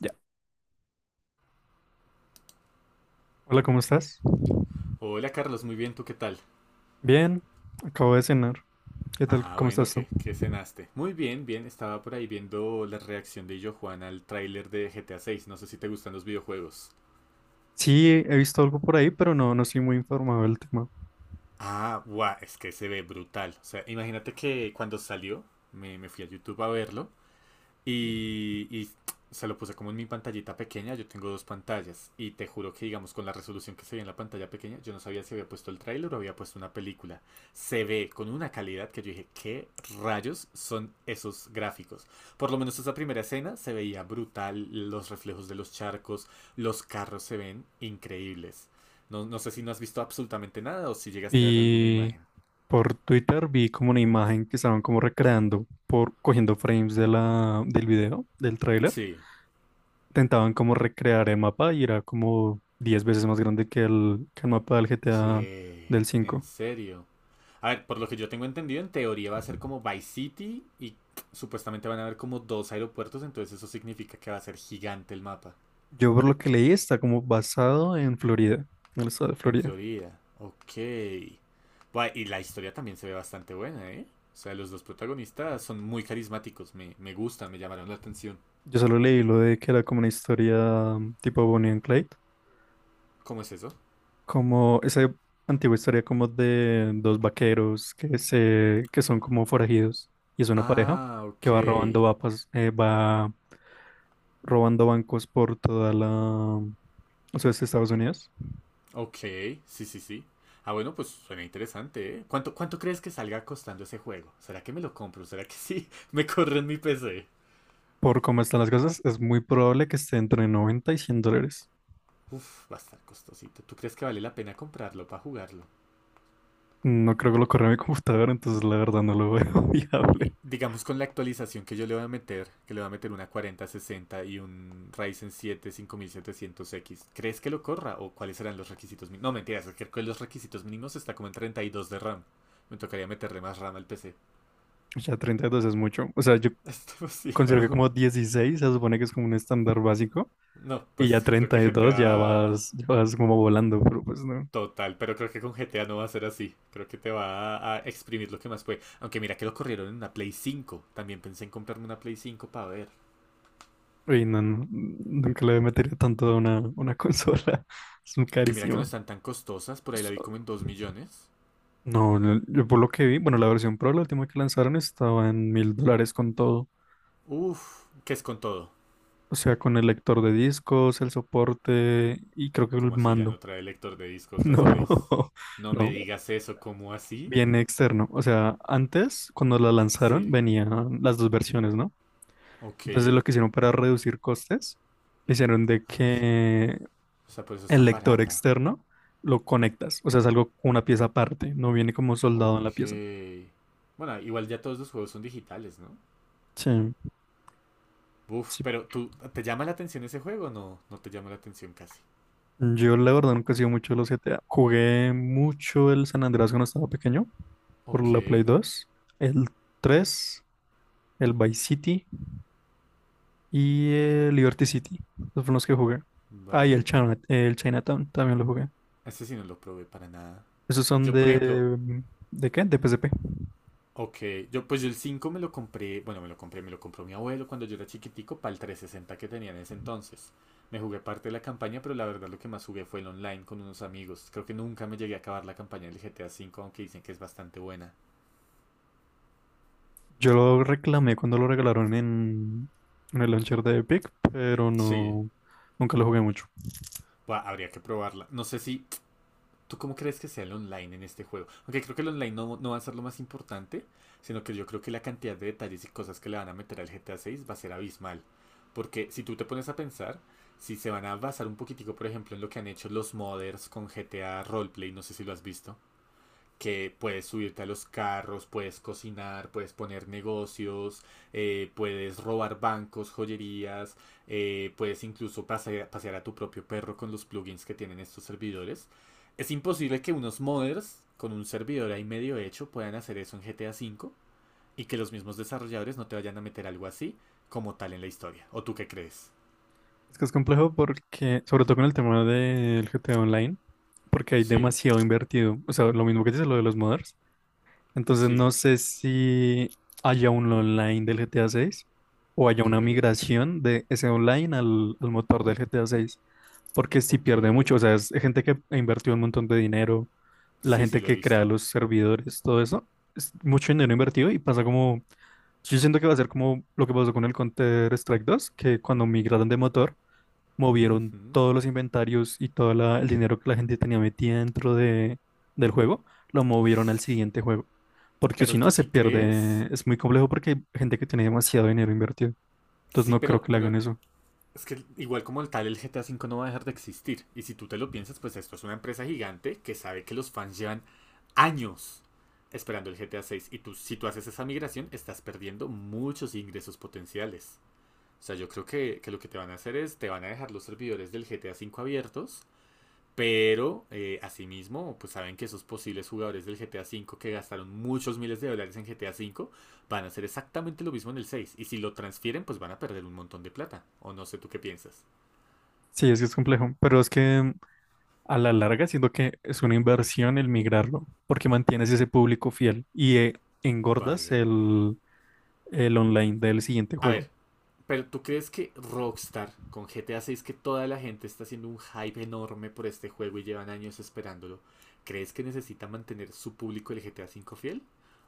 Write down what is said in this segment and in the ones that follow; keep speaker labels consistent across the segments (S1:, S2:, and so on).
S1: Ya. Hola, ¿cómo estás?
S2: Hola Carlos, muy bien, ¿tú qué tal?
S1: Bien, acabo de cenar. ¿Qué tal?
S2: Ah,
S1: ¿Cómo
S2: bueno,
S1: estás tú?
S2: ¿qué cenaste? Muy bien, bien, estaba por ahí viendo la reacción de Illo Juan al tráiler de GTA 6, no sé si te gustan los videojuegos.
S1: Sí, he visto algo por ahí, pero no estoy muy informado del tema.
S2: Ah, guau, es que se ve brutal. O sea, imagínate que cuando salió, me fui a YouTube a verlo. Y se lo puse como en mi pantallita pequeña, yo tengo dos pantallas y te juro que digamos con la resolución que se ve en la pantalla pequeña, yo no sabía si había puesto el tráiler o había puesto una película. Se ve con una calidad que yo dije, ¿qué rayos son esos gráficos? Por lo menos esa primera escena se veía brutal, los reflejos de los charcos, los carros se ven increíbles. No, no sé si no has visto absolutamente nada o si llegaste a ver alguna
S1: Y
S2: imagen.
S1: por Twitter vi como una imagen que estaban como recreando por cogiendo frames de del video, del tráiler.
S2: Sí.
S1: Intentaban como recrear el mapa y era como 10 veces más grande que que el mapa del GTA
S2: ¿Qué?
S1: del
S2: En
S1: 5.
S2: serio. A ver, por lo que yo tengo entendido, en teoría va a ser como Vice City y supuestamente van a haber como dos aeropuertos, entonces eso significa que va a ser gigante el mapa.
S1: Yo por lo que leí está como basado en Florida, en el estado de
S2: En
S1: Florida.
S2: Florida. Ok. Buah, y la historia también se ve bastante buena, ¿eh? O sea, los dos protagonistas son muy carismáticos, me gustan, me llamaron la atención.
S1: Yo solo leí lo de que era como una historia tipo Bonnie and Clyde,
S2: ¿Cómo es eso?
S1: como esa antigua historia como de dos vaqueros que son como forajidos y es una pareja
S2: Ah,
S1: que
S2: ok.
S1: va robando vapas, va robando bancos por toda la o sea, es Estados Unidos.
S2: Ok, sí, sí, sí. Ah, bueno, pues suena interesante, ¿eh? ¿Cuánto crees que salga costando ese juego? ¿Será que me lo compro? ¿Será que sí? Me corre en mi PC.
S1: Por cómo están las cosas, es muy probable que esté entre 90 y $100.
S2: Uf, va a estar costosito. ¿Tú crees que vale la pena comprarlo para jugarlo?
S1: No creo que lo corra mi computadora, entonces la verdad no lo veo
S2: Y,
S1: viable.
S2: digamos con la actualización que yo le voy a meter, que le voy a meter una cuarenta, sesenta y un Ryzen siete, cinco mil setecientos x, ¿crees que lo corra o cuáles serán los requisitos mínimos? No, mentiras, es que con los requisitos mínimos está como en 32 de RAM. Me tocaría meterle más RAM al PC.
S1: Ya 32 es mucho. O sea, yo
S2: Es
S1: considero que
S2: demasiado.
S1: como 16 se supone que es como un estándar básico
S2: No,
S1: y ya
S2: pues creo que
S1: 32 ya
S2: GTA
S1: vas, como volando, pero pues no.
S2: total, pero creo que con GTA no va a ser así. Creo que te va a exprimir lo que más puede. Aunque mira que lo corrieron en una Play 5. También pensé en comprarme una Play 5 para ver.
S1: Y nunca le metería tanto a una consola. Es muy
S2: Aunque mira que no
S1: carísimo.
S2: están tan costosas, por ahí la vi
S1: So-
S2: como en 2 millones.
S1: No, no, yo por lo que vi, bueno, la versión Pro, la última que lanzaron, estaba en $1,000 con todo.
S2: Uf, ¿qué es con todo?
S1: O sea, con el lector de discos, el soporte y creo que el
S2: ¿Cómo así ya
S1: mando.
S2: no trae lector de discos las Plays?
S1: No,
S2: No me
S1: no,
S2: digas eso, ¿cómo así?
S1: viene externo. O sea, antes, cuando la lanzaron,
S2: Sí,
S1: venían las dos versiones, ¿no? Entonces lo
S2: ok.
S1: que hicieron para reducir costes, hicieron de
S2: Vamos.
S1: que
S2: O sea, por eso es
S1: el
S2: tan
S1: lector
S2: barata.
S1: externo lo conectas, o sea, es algo con una pieza aparte, no viene como soldado en la
S2: Ok.
S1: pieza.
S2: Bueno, igual ya todos los juegos son digitales, ¿no?
S1: Sí,
S2: Uf,
S1: sí.
S2: pero ¿te llama la atención ese juego? No, no te llama la atención casi.
S1: Yo la verdad nunca he sido mucho de los GTA. Jugué mucho el San Andreas cuando estaba pequeño, por
S2: Ok,
S1: la Play dos, el 3, el Vice City y el Liberty City. Esos fueron los que jugué. Ah, y el
S2: vale.
S1: El Chinatown también lo jugué.
S2: Este sí no lo probé para nada.
S1: Esos son
S2: Yo, por ejemplo,
S1: de... ¿De qué? De PSP.
S2: ok, yo pues yo el 5 bueno, me lo compró mi abuelo cuando yo era chiquitico para el 360 que tenía en ese entonces. Me jugué parte de la campaña, pero la verdad lo que más jugué fue el online con unos amigos. Creo que nunca me llegué a acabar la campaña del GTA V, aunque dicen que es bastante buena.
S1: Yo lo reclamé cuando lo regalaron en el launcher de Epic, pero
S2: Sí,
S1: no, nunca lo jugué mucho.
S2: buah, habría que probarla. No sé si. ¿Tú cómo crees que sea el online en este juego? Aunque creo que el online no, no va a ser lo más importante, sino que yo creo que la cantidad de detalles y cosas que le van a meter al GTA 6 va a ser abismal. Porque si tú te pones a pensar, si se van a basar un poquitico, por ejemplo, en lo que han hecho los modders con GTA Roleplay, no sé si lo has visto, que puedes subirte a los carros, puedes cocinar, puedes poner negocios, puedes robar bancos, joyerías, puedes incluso pasear a tu propio perro con los plugins que tienen estos servidores. Es imposible que unos modders con un servidor ahí medio hecho puedan hacer eso en GTA cinco y que los mismos desarrolladores no te vayan a meter algo así como tal en la historia. ¿O tú qué crees?
S1: Es que es complejo porque, sobre todo con el tema del GTA Online, porque hay
S2: Sí,
S1: demasiado invertido. O sea, lo mismo que dice lo de los modders. Entonces
S2: sí,
S1: no sé si haya un online del GTA 6 o haya
S2: ok,
S1: una migración de ese online al motor del GTA 6, porque si
S2: ok.
S1: pierde mucho, o sea, es gente que ha invertido un montón de dinero, la
S2: Sí, sí,
S1: gente
S2: lo he
S1: que crea
S2: visto.
S1: los servidores, todo eso, es mucho dinero invertido y pasa como, yo siento que va a ser como lo que pasó con el Counter-Strike 2, que cuando migraron de motor movieron
S2: Ujú.
S1: todos los inventarios y todo el dinero que la gente tenía metida del juego, lo movieron al siguiente juego. Porque si
S2: ¿Pero
S1: no,
S2: tú
S1: se
S2: sí crees?
S1: pierde. Es muy complejo porque hay gente que tiene demasiado dinero invertido. Entonces
S2: Sí,
S1: no creo
S2: pero,
S1: que le hagan
S2: pero
S1: eso.
S2: es que igual como el tal, el GTA cinco no va a dejar de existir. Y si tú te lo piensas, pues esto es una empresa gigante que sabe que los fans llevan años esperando el GTA seis. Y tú, si tú haces esa migración, estás perdiendo muchos ingresos potenciales. O sea, yo creo que lo que te van a hacer es, te van a dejar los servidores del GTA cinco abiertos pero, asimismo, pues saben que esos posibles jugadores del GTA V que gastaron muchos miles de dólares en GTA V van a hacer exactamente lo mismo en el 6. Y si lo transfieren, pues van a perder un montón de plata. O no sé tú qué piensas.
S1: Sí, es que es complejo. Pero es que a la larga siento que es una inversión el migrarlo, porque mantienes ese público fiel y engordas
S2: Vale.
S1: el online del siguiente
S2: A
S1: juego.
S2: ver, pero ¿tú crees que Rockstar con GTA 6, que toda la gente está haciendo un hype enorme por este juego y llevan años esperándolo, crees que necesita mantener su público el GTA 5 fiel?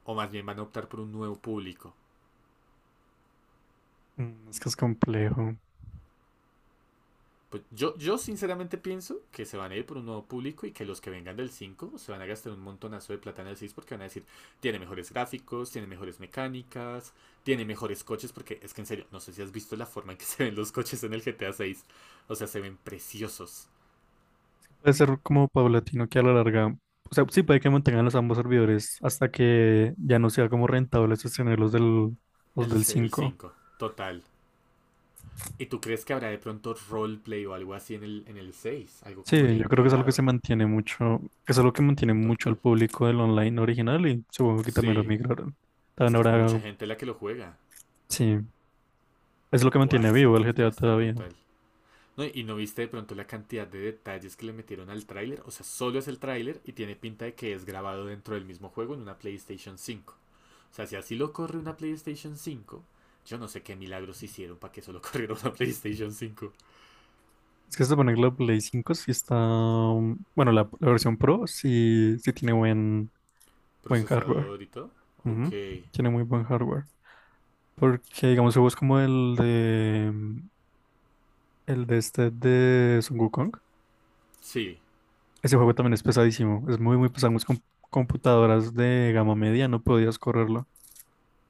S2: ¿O más bien van a optar por un nuevo público?
S1: Es que es complejo.
S2: Pues yo sinceramente pienso que se van a ir por un nuevo público y que los que vengan del 5 se van a gastar un montonazo de plata en el 6 porque van a decir, tiene mejores gráficos, tiene mejores mecánicas, tiene mejores coches, porque es que en serio, no sé si has visto la forma en que se ven los coches en el GTA 6. O sea, se ven preciosos.
S1: Puede ser como paulatino que a la larga, o sea, sí puede que mantengan los ambos servidores hasta que ya no sea como rentable sostener los
S2: El,
S1: del
S2: el
S1: cinco.
S2: 5 total. ¿Y tú crees que habrá de pronto roleplay o algo así en el seis? Algo como
S1: Sí,
S2: ya
S1: yo creo que es algo que se
S2: integrado.
S1: mantiene mucho, que es algo que mantiene mucho al
S2: Total.
S1: público del online original y supongo que también lo
S2: Sí,
S1: migraron.
S2: es
S1: También
S2: que es
S1: ahora,
S2: mucha gente la que lo juega.
S1: sí, es lo que
S2: Buah,
S1: mantiene
S2: es que,
S1: vivo el
S2: es que
S1: GTA
S2: va a estar
S1: todavía.
S2: brutal. No, y no viste de pronto la cantidad de detalles que le metieron al tráiler. O sea, solo es el tráiler y tiene pinta de que es grabado dentro del mismo juego en una PlayStation 5. O sea, si así lo corre una PlayStation 5, yo no sé qué milagros hicieron para que solo corriera una PlayStation 5.
S1: Es que se supone que la Play cinco sí está, bueno, la versión Pro sí, sí tiene buen, buen hardware.
S2: Procesador y todo. Ok.
S1: Ujú. Tiene muy buen hardware. Porque, digamos, juegos como el el de este de Son Wukong,
S2: Sí.
S1: ese juego también es pesadísimo. Es muy, muy pesado. Muchas computadoras de gama media no podías correrlo.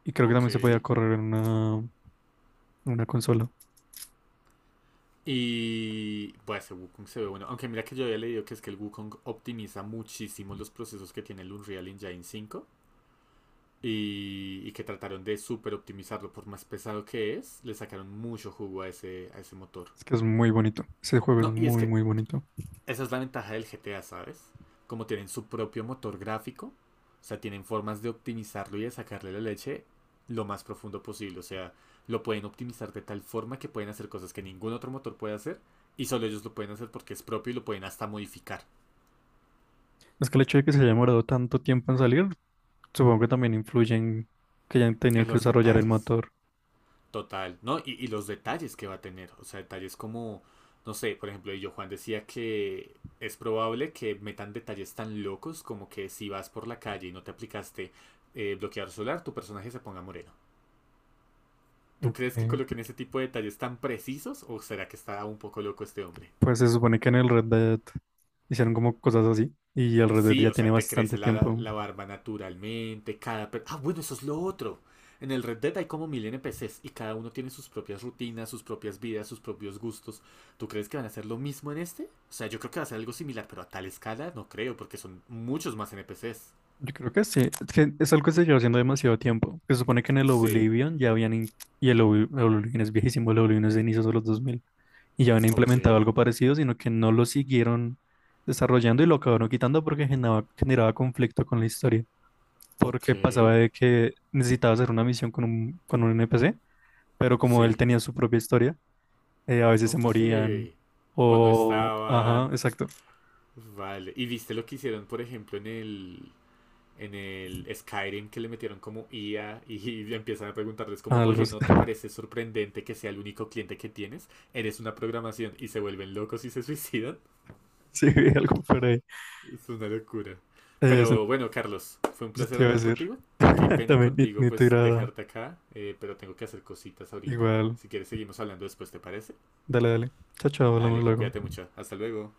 S1: Y creo que
S2: Ok.
S1: también se podía correr en en una consola.
S2: Y bueno ese Wukong se ve bueno. Aunque mira que yo había leído que es que el Wukong optimiza muchísimo los procesos que tiene el Unreal Engine 5. Y que trataron de super optimizarlo por más pesado que es, le sacaron mucho jugo a ese motor.
S1: Es que es muy bonito. Ese juego es
S2: No, y es
S1: muy,
S2: que
S1: muy bonito.
S2: esa es la ventaja del GTA, ¿sabes? Como tienen su propio motor gráfico, o sea, tienen formas de optimizarlo y de sacarle la leche lo más profundo posible, o sea, lo pueden optimizar de tal forma que pueden hacer cosas que ningún otro motor puede hacer y solo ellos lo pueden hacer porque es propio y lo pueden hasta modificar
S1: Es que el hecho de que se haya demorado tanto tiempo en salir, supongo que también influye en que hayan tenido
S2: en
S1: que
S2: los
S1: desarrollar el
S2: detalles.
S1: motor.
S2: Total, ¿no? Y los detalles que va a tener, o sea, detalles como, no sé, por ejemplo, yo Juan decía que es probable que metan detalles tan locos como que si vas por la calle y no te aplicaste bloqueador solar, tu personaje se ponga moreno. ¿Tú
S1: Ok.
S2: crees que coloquen ese tipo de detalles tan precisos o será que está un poco loco este hombre?
S1: Pues se supone que en el Red Dead hicieron como cosas así. Y el Red Dead
S2: Sí,
S1: ya
S2: o
S1: tiene
S2: sea, te
S1: bastante
S2: crece la,
S1: tiempo.
S2: la barba naturalmente, cada. Ah, bueno, eso es lo otro. En el Red Dead hay como mil NPCs y cada uno tiene sus propias rutinas, sus propias vidas, sus propios gustos. ¿Tú crees que van a hacer lo mismo en este? O sea, yo creo que va a ser algo similar, pero a tal escala no creo, porque son muchos más NPCs.
S1: Yo creo que sí, es que es algo que se lleva haciendo demasiado tiempo. Se supone que en el
S2: Sí,
S1: Oblivion ya habían, y el el Oblivion es viejísimo, el Oblivion es de inicios de los 2000 y ya habían
S2: ok,
S1: implementado algo parecido, sino que no lo siguieron desarrollando y lo acabaron quitando porque generaba conflicto con la historia,
S2: ok,
S1: porque pasaba de que necesitaba hacer una misión con con un NPC, pero como él
S2: sí,
S1: tenía su propia historia, a veces se morían,
S2: ok. O no
S1: o... Ajá,
S2: estaban.
S1: exacto.
S2: Vale. ¿Y viste lo que hicieron, por ejemplo, en el Skyrim que le metieron como IA y empiezan a preguntarles como,
S1: Algo,
S2: oye, ¿no te parece sorprendente que sea el único cliente que tienes? Eres una programación y se vuelven locos y se suicidan.
S1: sí, algo por ahí.
S2: Es una locura.
S1: Eh,
S2: Pero bueno, Carlos, fue un
S1: Eso
S2: placer
S1: te iba a
S2: hablar
S1: decir.
S2: contigo. Qué pena
S1: También,
S2: contigo
S1: ni te
S2: pues
S1: agrada.
S2: dejarte acá, pero tengo que hacer cositas ahorita.
S1: Igual.
S2: Si quieres seguimos hablando después, ¿te parece?
S1: Dale, dale. Chao, chao, hablamos
S2: Dale,
S1: luego.
S2: cuídate mucho. Hasta luego.